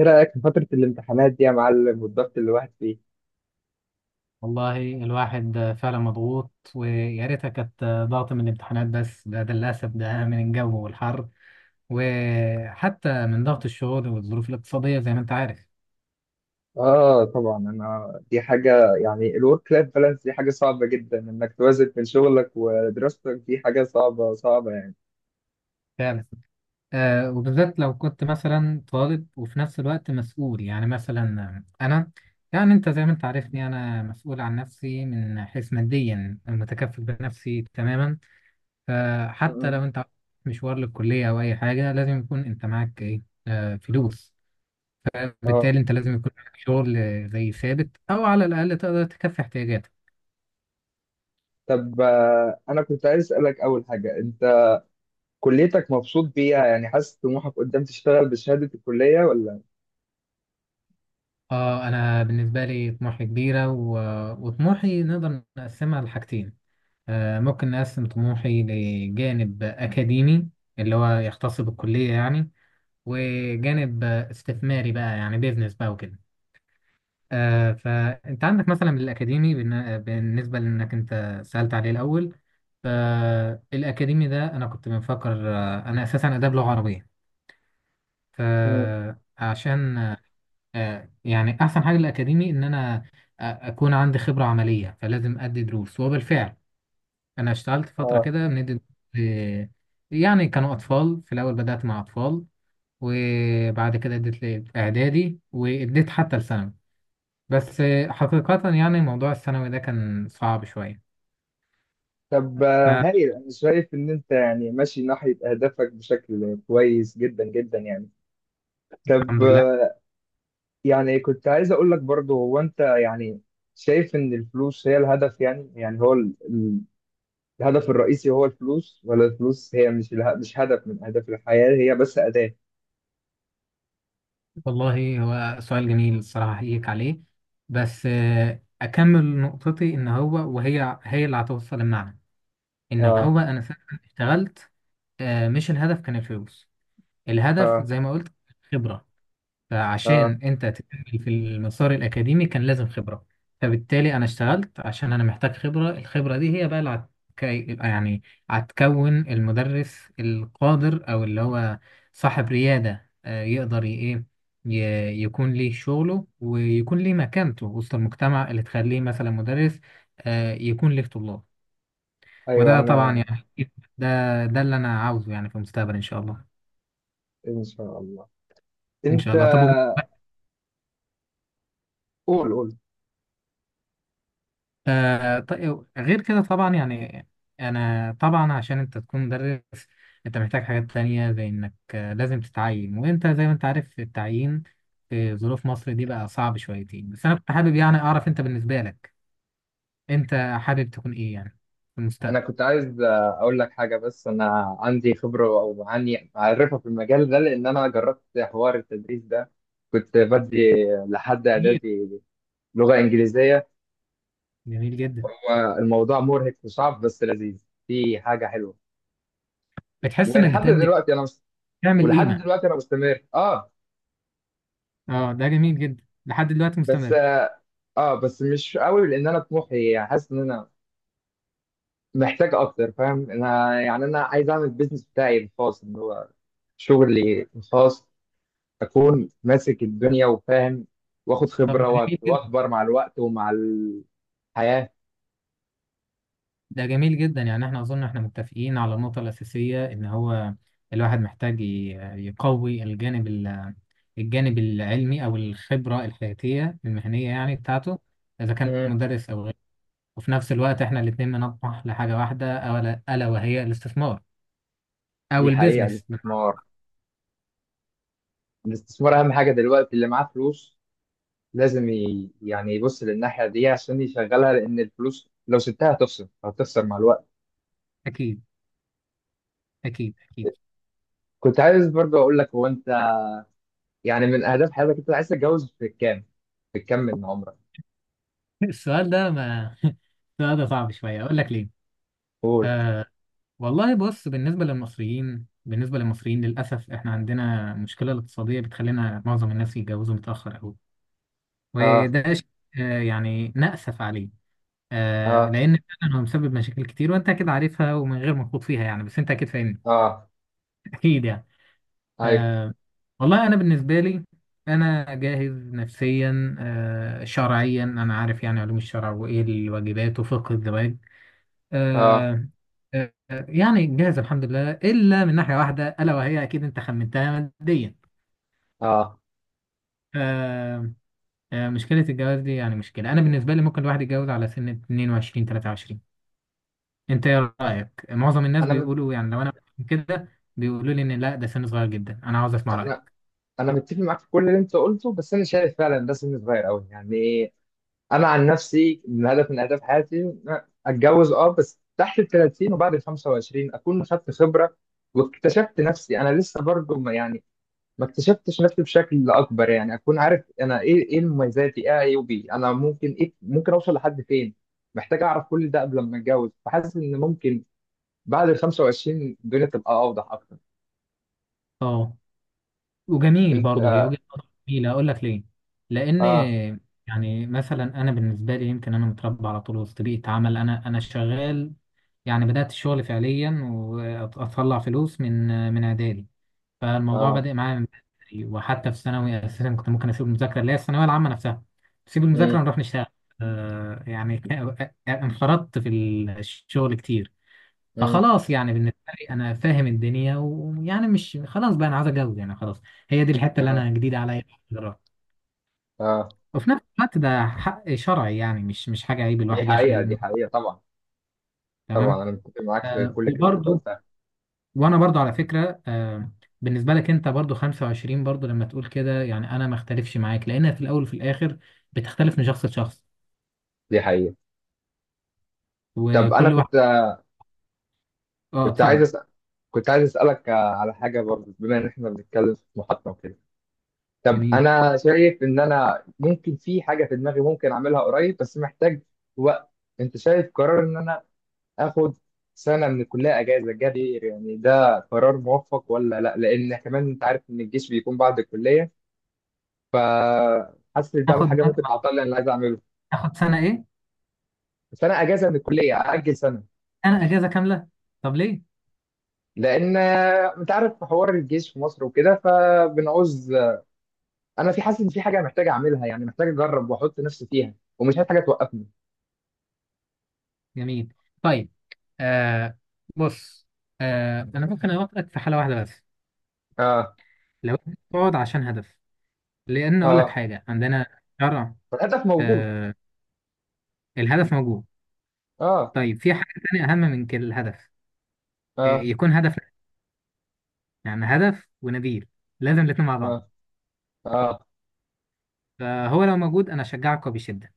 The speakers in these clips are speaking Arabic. ايه رأيك في فترة الامتحانات دي يا معلم والضغط اللي الواحد فيه؟ والله الواحد فعلا مضغوط ويا ريتها كانت ضغط من الامتحانات، بس ده للأسف ده من الجو والحر، وحتى من ضغط الشغل والظروف الاقتصادية زي ما أنت عارف. اه، طبعا. انا دي حاجة يعني الورك لايف بالانس دي حاجة صعبة جدا، انك توازن بين شغلك ودراستك دي حاجة صعبة صعبة يعني. فعلا. وبالذات لو كنت مثلا طالب وفي نفس الوقت مسؤول، يعني مثلا أنا. يعني أنت زي ما أنت عارفني، أنا مسؤول عن نفسي، من حيث ماديا متكفل بنفسي تماما. فحتى مم. لو أنت مشوار للكلية أو أي حاجة، لازم يكون أنت معاك إيه. فلوس. اه. بالتالي انت لازم يكون عندك شغل زي ثابت، او على الاقل تقدر تكفي احتياجاتك. طب انا كنت عايز اسألك اول حاجة، انت كليتك مبسوط بيها؟ يعني حاسس طموحك قدام تشتغل بشهادة الكلية ولا؟ اه، انا بالنسبه لي طموحي كبيره وطموحي نقدر نقسمها لحاجتين. ممكن نقسم طموحي لجانب اكاديمي اللي هو يختص بالكليه يعني، وجانب استثماري بقى، يعني بيزنس بقى وكده. فانت عندك مثلا الاكاديمي، بالنسبه لانك انت سالت عليه الاول. فالاكاديمي ده انا كنت بفكر، انا اساسا اداب لغه عربيه. مم. فعشان يعني احسن حاجه للاكاديمي ان انا اكون عندي خبره عمليه، فلازم ادي دروس. وبالفعل انا اشتغلت فتره اه. كده بندي دروس. ل- يعني كانوا اطفال في الاول، بدات مع اطفال، وبعد كده اديت لاعدادي، واديت حتى لثانوي. بس حقيقه يعني موضوع الثانوي ده كان صعب شويه. طب هايل. انا شايف ان انت يعني ماشي ناحية اهدافك بشكل كويس جدا جدا يعني. طب فالحمد لله. يعني كنت عايز اقول لك برضو، هو انت يعني شايف ان الفلوس هي الهدف؟ يعني هو الهدف الرئيسي هو الفلوس، ولا الفلوس هي مش مش هدف من اهداف الحياة، هي بس أداة؟ والله هو سؤال جميل، الصراحة أحييك عليه. بس أكمل نقطتي، إن هو وهي هي اللي هتوصل المعنى، إن اه، هو أنا فعلا اشتغلت. مش الهدف كان الفلوس. الهدف اه، زي ما قلت، الخبرة. فعشان اه. انت تكمل في المسار الاكاديمي كان لازم خبره. فبالتالي انا اشتغلت عشان انا محتاج خبره. الخبره دي هي بقى اللي يعني هتكون المدرس القادر، او اللي هو صاحب رياده، يقدر ايه يكون ليه شغله، ويكون ليه مكانته وسط المجتمع، اللي تخليه مثلا مدرس يكون ليه طلاب. ايوه. وده طبعا انا يعني ده اللي انا عاوزه يعني في المستقبل ان شاء الله. ان شاء الله. ان شاء انت الله. طب قول. طيب، غير كده طبعا يعني انا طبعا عشان انت تكون مدرس، انت محتاج حاجات تانية، زي انك لازم تتعين، وانت زي ما انت عارف التعيين في ظروف مصر دي بقى صعب شويتين. بس انا كنت حابب يعني اعرف، انت بالنسبة لك انت حابب تكون ايه يعني في انا المستقبل. كنت عايز اقول لك حاجة، بس انا عندي خبرة او عني معرفة في المجال ده، لان انا جربت حوار التدريس ده. كنت بدي لحد جميل. اعدادي لغة انجليزية. جميل جدا. الموضوع مرهق وصعب بس لذيذ، في حاجه حلوه. بتحس انك ولحد بتقدم، دلوقتي انا مست... تعمل ولحد قيمة. دلوقتي انا مستمر. اه. اه، ده جميل جدا لحد دلوقتي بس مستمر. اه. بس مش قوي، لان انا طموحي حاسس ان انا محتاج اكتر. فاهم؟ انا يعني انا عايز اعمل البيزنس بتاعي الخاص، اللي هو شغلي الخاص. اكون ماسك الدنيا وفاهم، واخد طب ده خبره جميل جدا، واكبر مع الوقت ومع الحياه. ده جميل جدا. يعني احنا اظن احنا متفقين على النقطة الأساسية ان هو الواحد محتاج يقوي الجانب الجانب العلمي او الخبرة الحياتية المهنية يعني بتاعته، اذا كان مم. مدرس او غيره. وفي نفس الوقت احنا الاتنين بنطمح لحاجة واحدة، الا ألا وهي الاستثمار او دي حقيقه. البيزنس الاستثمار، الاستثمار اهم حاجه دلوقتي. اللي معاه فلوس لازم يعني يبص للناحية دي عشان يشغلها، لأن الفلوس لو سبتها هتخسر، هتخسر مع الوقت. اكيد. اكيد اكيد. كنت عايز برضه أقول لك، هو أنت يعني من أهداف حياتك أنت عايز تتجوز في كام؟ في كام من عمرك؟ السؤال ده ما السؤال ده صعب شوية، اقول لك ليه. قول. آه، والله بص، بالنسبة للمصريين بالنسبة للمصريين للأسف، إحنا عندنا مشكلة الاقتصادية بتخلينا معظم الناس يتجوزوا متأخر أوي. آه، وده شيء يعني نأسف عليه. آه، لأن فعلا هو مسبب مشاكل كتير، وأنت أكيد عارفها ومن غير ما تخوض فيها يعني، بس أنت أكيد فاهمني. آه. أكيد يعني. أيوه. آه، والله أنا بالنسبة لي، أنا جاهز نفسيا، شرعيا أنا عارف يعني علوم الشرع وإيه الواجبات وفقه الزواج. آه، آه. آه، يعني جاهز الحمد لله، إلا من ناحية واحدة، ألا وهي أكيد أنت خمنتها، ماديا. آه. آه. آه، مشكلة الجواز دي يعني مشكلة. أنا بالنسبة لي ممكن الواحد يتجوز على سن 22 23. أنت إيه رأيك؟ معظم الناس أنا مت... بيقولوا يعني لو أنا كده بيقولوا لي إن لا ده سن صغير جدا، أنا عاوز أسمع رأيك. أنا أنا متفق معاك في كل اللي أنت قلته، بس أنا شايف فعلا ده سن صغير أوي يعني. انا عن نفسي من هدف من اهداف حياتي إن أنا اتجوز، اه، بس تحت ال 30 وبعد ال 25 اكون خدت خبره واكتشفت نفسي. انا لسه برضه ما يعني، ما اكتشفتش نفسي بشكل اكبر يعني. اكون عارف انا ايه، ايه مميزاتي، ايه عيوبي، انا ممكن ايه، ممكن اوصل لحد فين. محتاج اعرف كل ده قبل ما اتجوز، فحاسس ان ممكن بعد ال 25 الدنيا تبقى اوضح اكتر. أه. وجميل انت. برضه، هي اه، وجهة نظر جميلة، أقول لك ليه؟ لأن اه، يعني مثلا أنا بالنسبة لي، يمكن أنا متربى على طول وسط بيئة عمل، أنا شغال. يعني بدأت الشغل فعليا وأطلع فلوس من إعدادي. فالموضوع اه. بدأ معايا من بدري، وحتى في ثانوي أساسا كنت ممكن أسيب المذاكرة اللي هي الثانوية العامة نفسها، أسيب المذاكرة امم. ونروح نشتغل. يعني انخرطت في الشغل كتير. امم. فخلاص يعني بالنسبة لي أنا فاهم الدنيا، ويعني مش خلاص بقى أنا عايز أتجوز يعني خلاص. هي دي الحتة اللي اه، أنا جديدة عليا دلوقتي. اه. وفي نفس الوقت ده حق شرعي يعني مش حاجة عيب دي الواحد يخجل حقيقه، دي إنه. حقيقه طبعا. تمام. طبعا انا متفق معاك في كل كلمه انت وبرضه قلتها، وانا برضو على فكره، بالنسبه لك انت برضو 25، برضو لما تقول كده يعني انا ما اختلفش معاك، لانها في الاول وفي الاخر بتختلف من شخص لشخص، دي حقيقة. طب أنا وكل واحد. كنت. اه، كنت عايز اتفضل. أسأل كنت عايز أسألك على حاجة برضه، بما إن إحنا بنتكلم في محطة وكده. طب جميل. أنا شايف إن أنا ممكن، في حاجة في دماغي ممكن أعملها قريب، بس محتاج وقت. أنت شايف قرار إن أنا آخد سنة من الكلية أجازة جابير يعني، ده قرار موفق ولا لأ؟ لأن كمان أنت عارف إن الجيش بيكون بعد الكلية، فحاسس إن ده تاخد حاجة ممكن تعطلني اللي عايز أعمله. تاخد سنه ايه. بس أنا أجازة من الكلية أأجل سنة، انا اجازه كامله. طب ليه. لان انت عارف حوار الجيش في مصر وكده فبنعوز. انا في حاسس ان في حاجه محتاج اعملها يعني، محتاج اجرب واحط نفسي فيها ومش عايز حاجه توقفني. جميل. طيب. آه. بص. آه، انا ممكن اوافقك في حاله واحده بس. اه، لو انت بتقعد عشان هدف. لان اقول لك اه. حاجه عندنا شرع. فالهدف موجود. آه، الهدف موجود. اه، طيب، في حاجه تانية اهم من كده، الهدف اه، يكون هدف، يعني هدف ونبيل، لازم الاتنين مع اه، بعض. اه، فهو لو موجود انا اشجعك وبشده.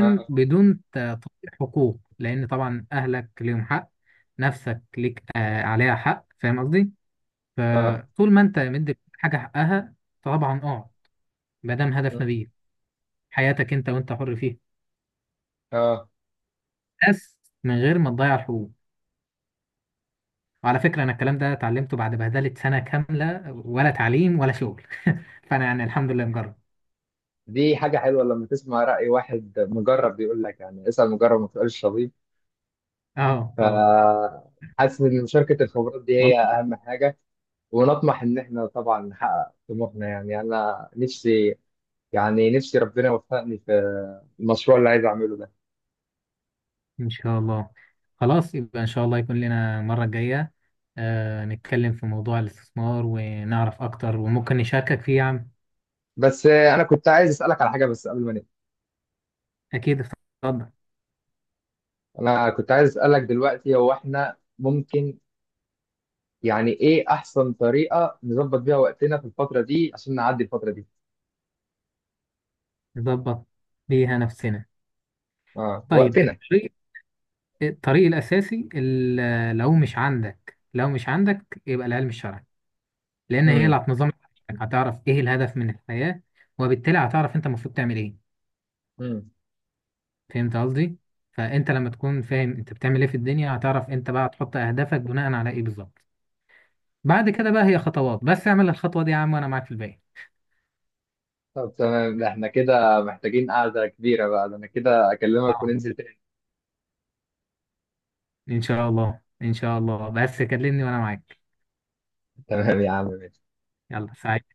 اه، بدون تطبيق حقوق، لان طبعا اهلك ليهم حق، نفسك ليك آه عليها حق، فاهم قصدي. اه، فطول ما انت مدي حاجه حقها، طبعا اه، ما دام اه. هدف نبيل، حياتك انت وانت حر فيها، آه. بس من غير ما تضيع الحقوق. وعلى فكره انا الكلام ده اتعلمته بعد بهدله سنه كامله، ولا تعليم ولا شغل. فانا يعني الحمد لله مجرب. دي حاجه حلوه لما تسمع راي واحد مجرب بيقول لك، يعني اسال مجرب ما تسالش طبيب. اه. ف، اه. حاسس ان مشاركه الخبرات دي هي والله. اهم حاجه. ونطمح ان احنا طبعا نحقق طموحنا. يعني انا نفسي، يعني نفسي ربنا يوفقني في المشروع اللي عايز اعمله ده. إن شاء الله. خلاص يبقى إن شاء الله يكون لنا المرة الجاية نتكلم في موضوع الاستثمار ونعرف أكتر، وممكن نشاركك فيه يا عم. بس انا كنت عايز اسالك على حاجه بس قبل ما نبدا. أكيد اتفضل. انا كنت عايز اسالك دلوقتي، هو احنا ممكن يعني ايه احسن طريقه نظبط بيها وقتنا في الفتره دي عشان نعدي الفتره دي؟ نظبط بيها نفسنا. اه، طيب، وقتنا. الطريق الأساسي لو مش عندك، لو مش عندك، يبقى العلم الشرعي. لأن هي اللي امم. هتنظم حياتك. هتعرف إيه الهدف من الحياة، وبالتالي هتعرف أنت المفروض تعمل إيه. امم. فهمت قصدي؟ فأنت لما تكون فاهم أنت بتعمل إيه في الدنيا، هتعرف أنت بقى تحط أهدافك بناء على إيه بالظبط. بعد كده بقى هي خطوات، بس اعمل الخطوة دي يا عم وانا معاك في الباقي. طب تمام. ده احنا كده محتاجين قعده كبيره بقى. ده انا كده اكلمك اه، وننزل تاني. ان شاء الله ان شاء الله، بس كلمني وانا معاك. تمام يا عم. يلا سعيد.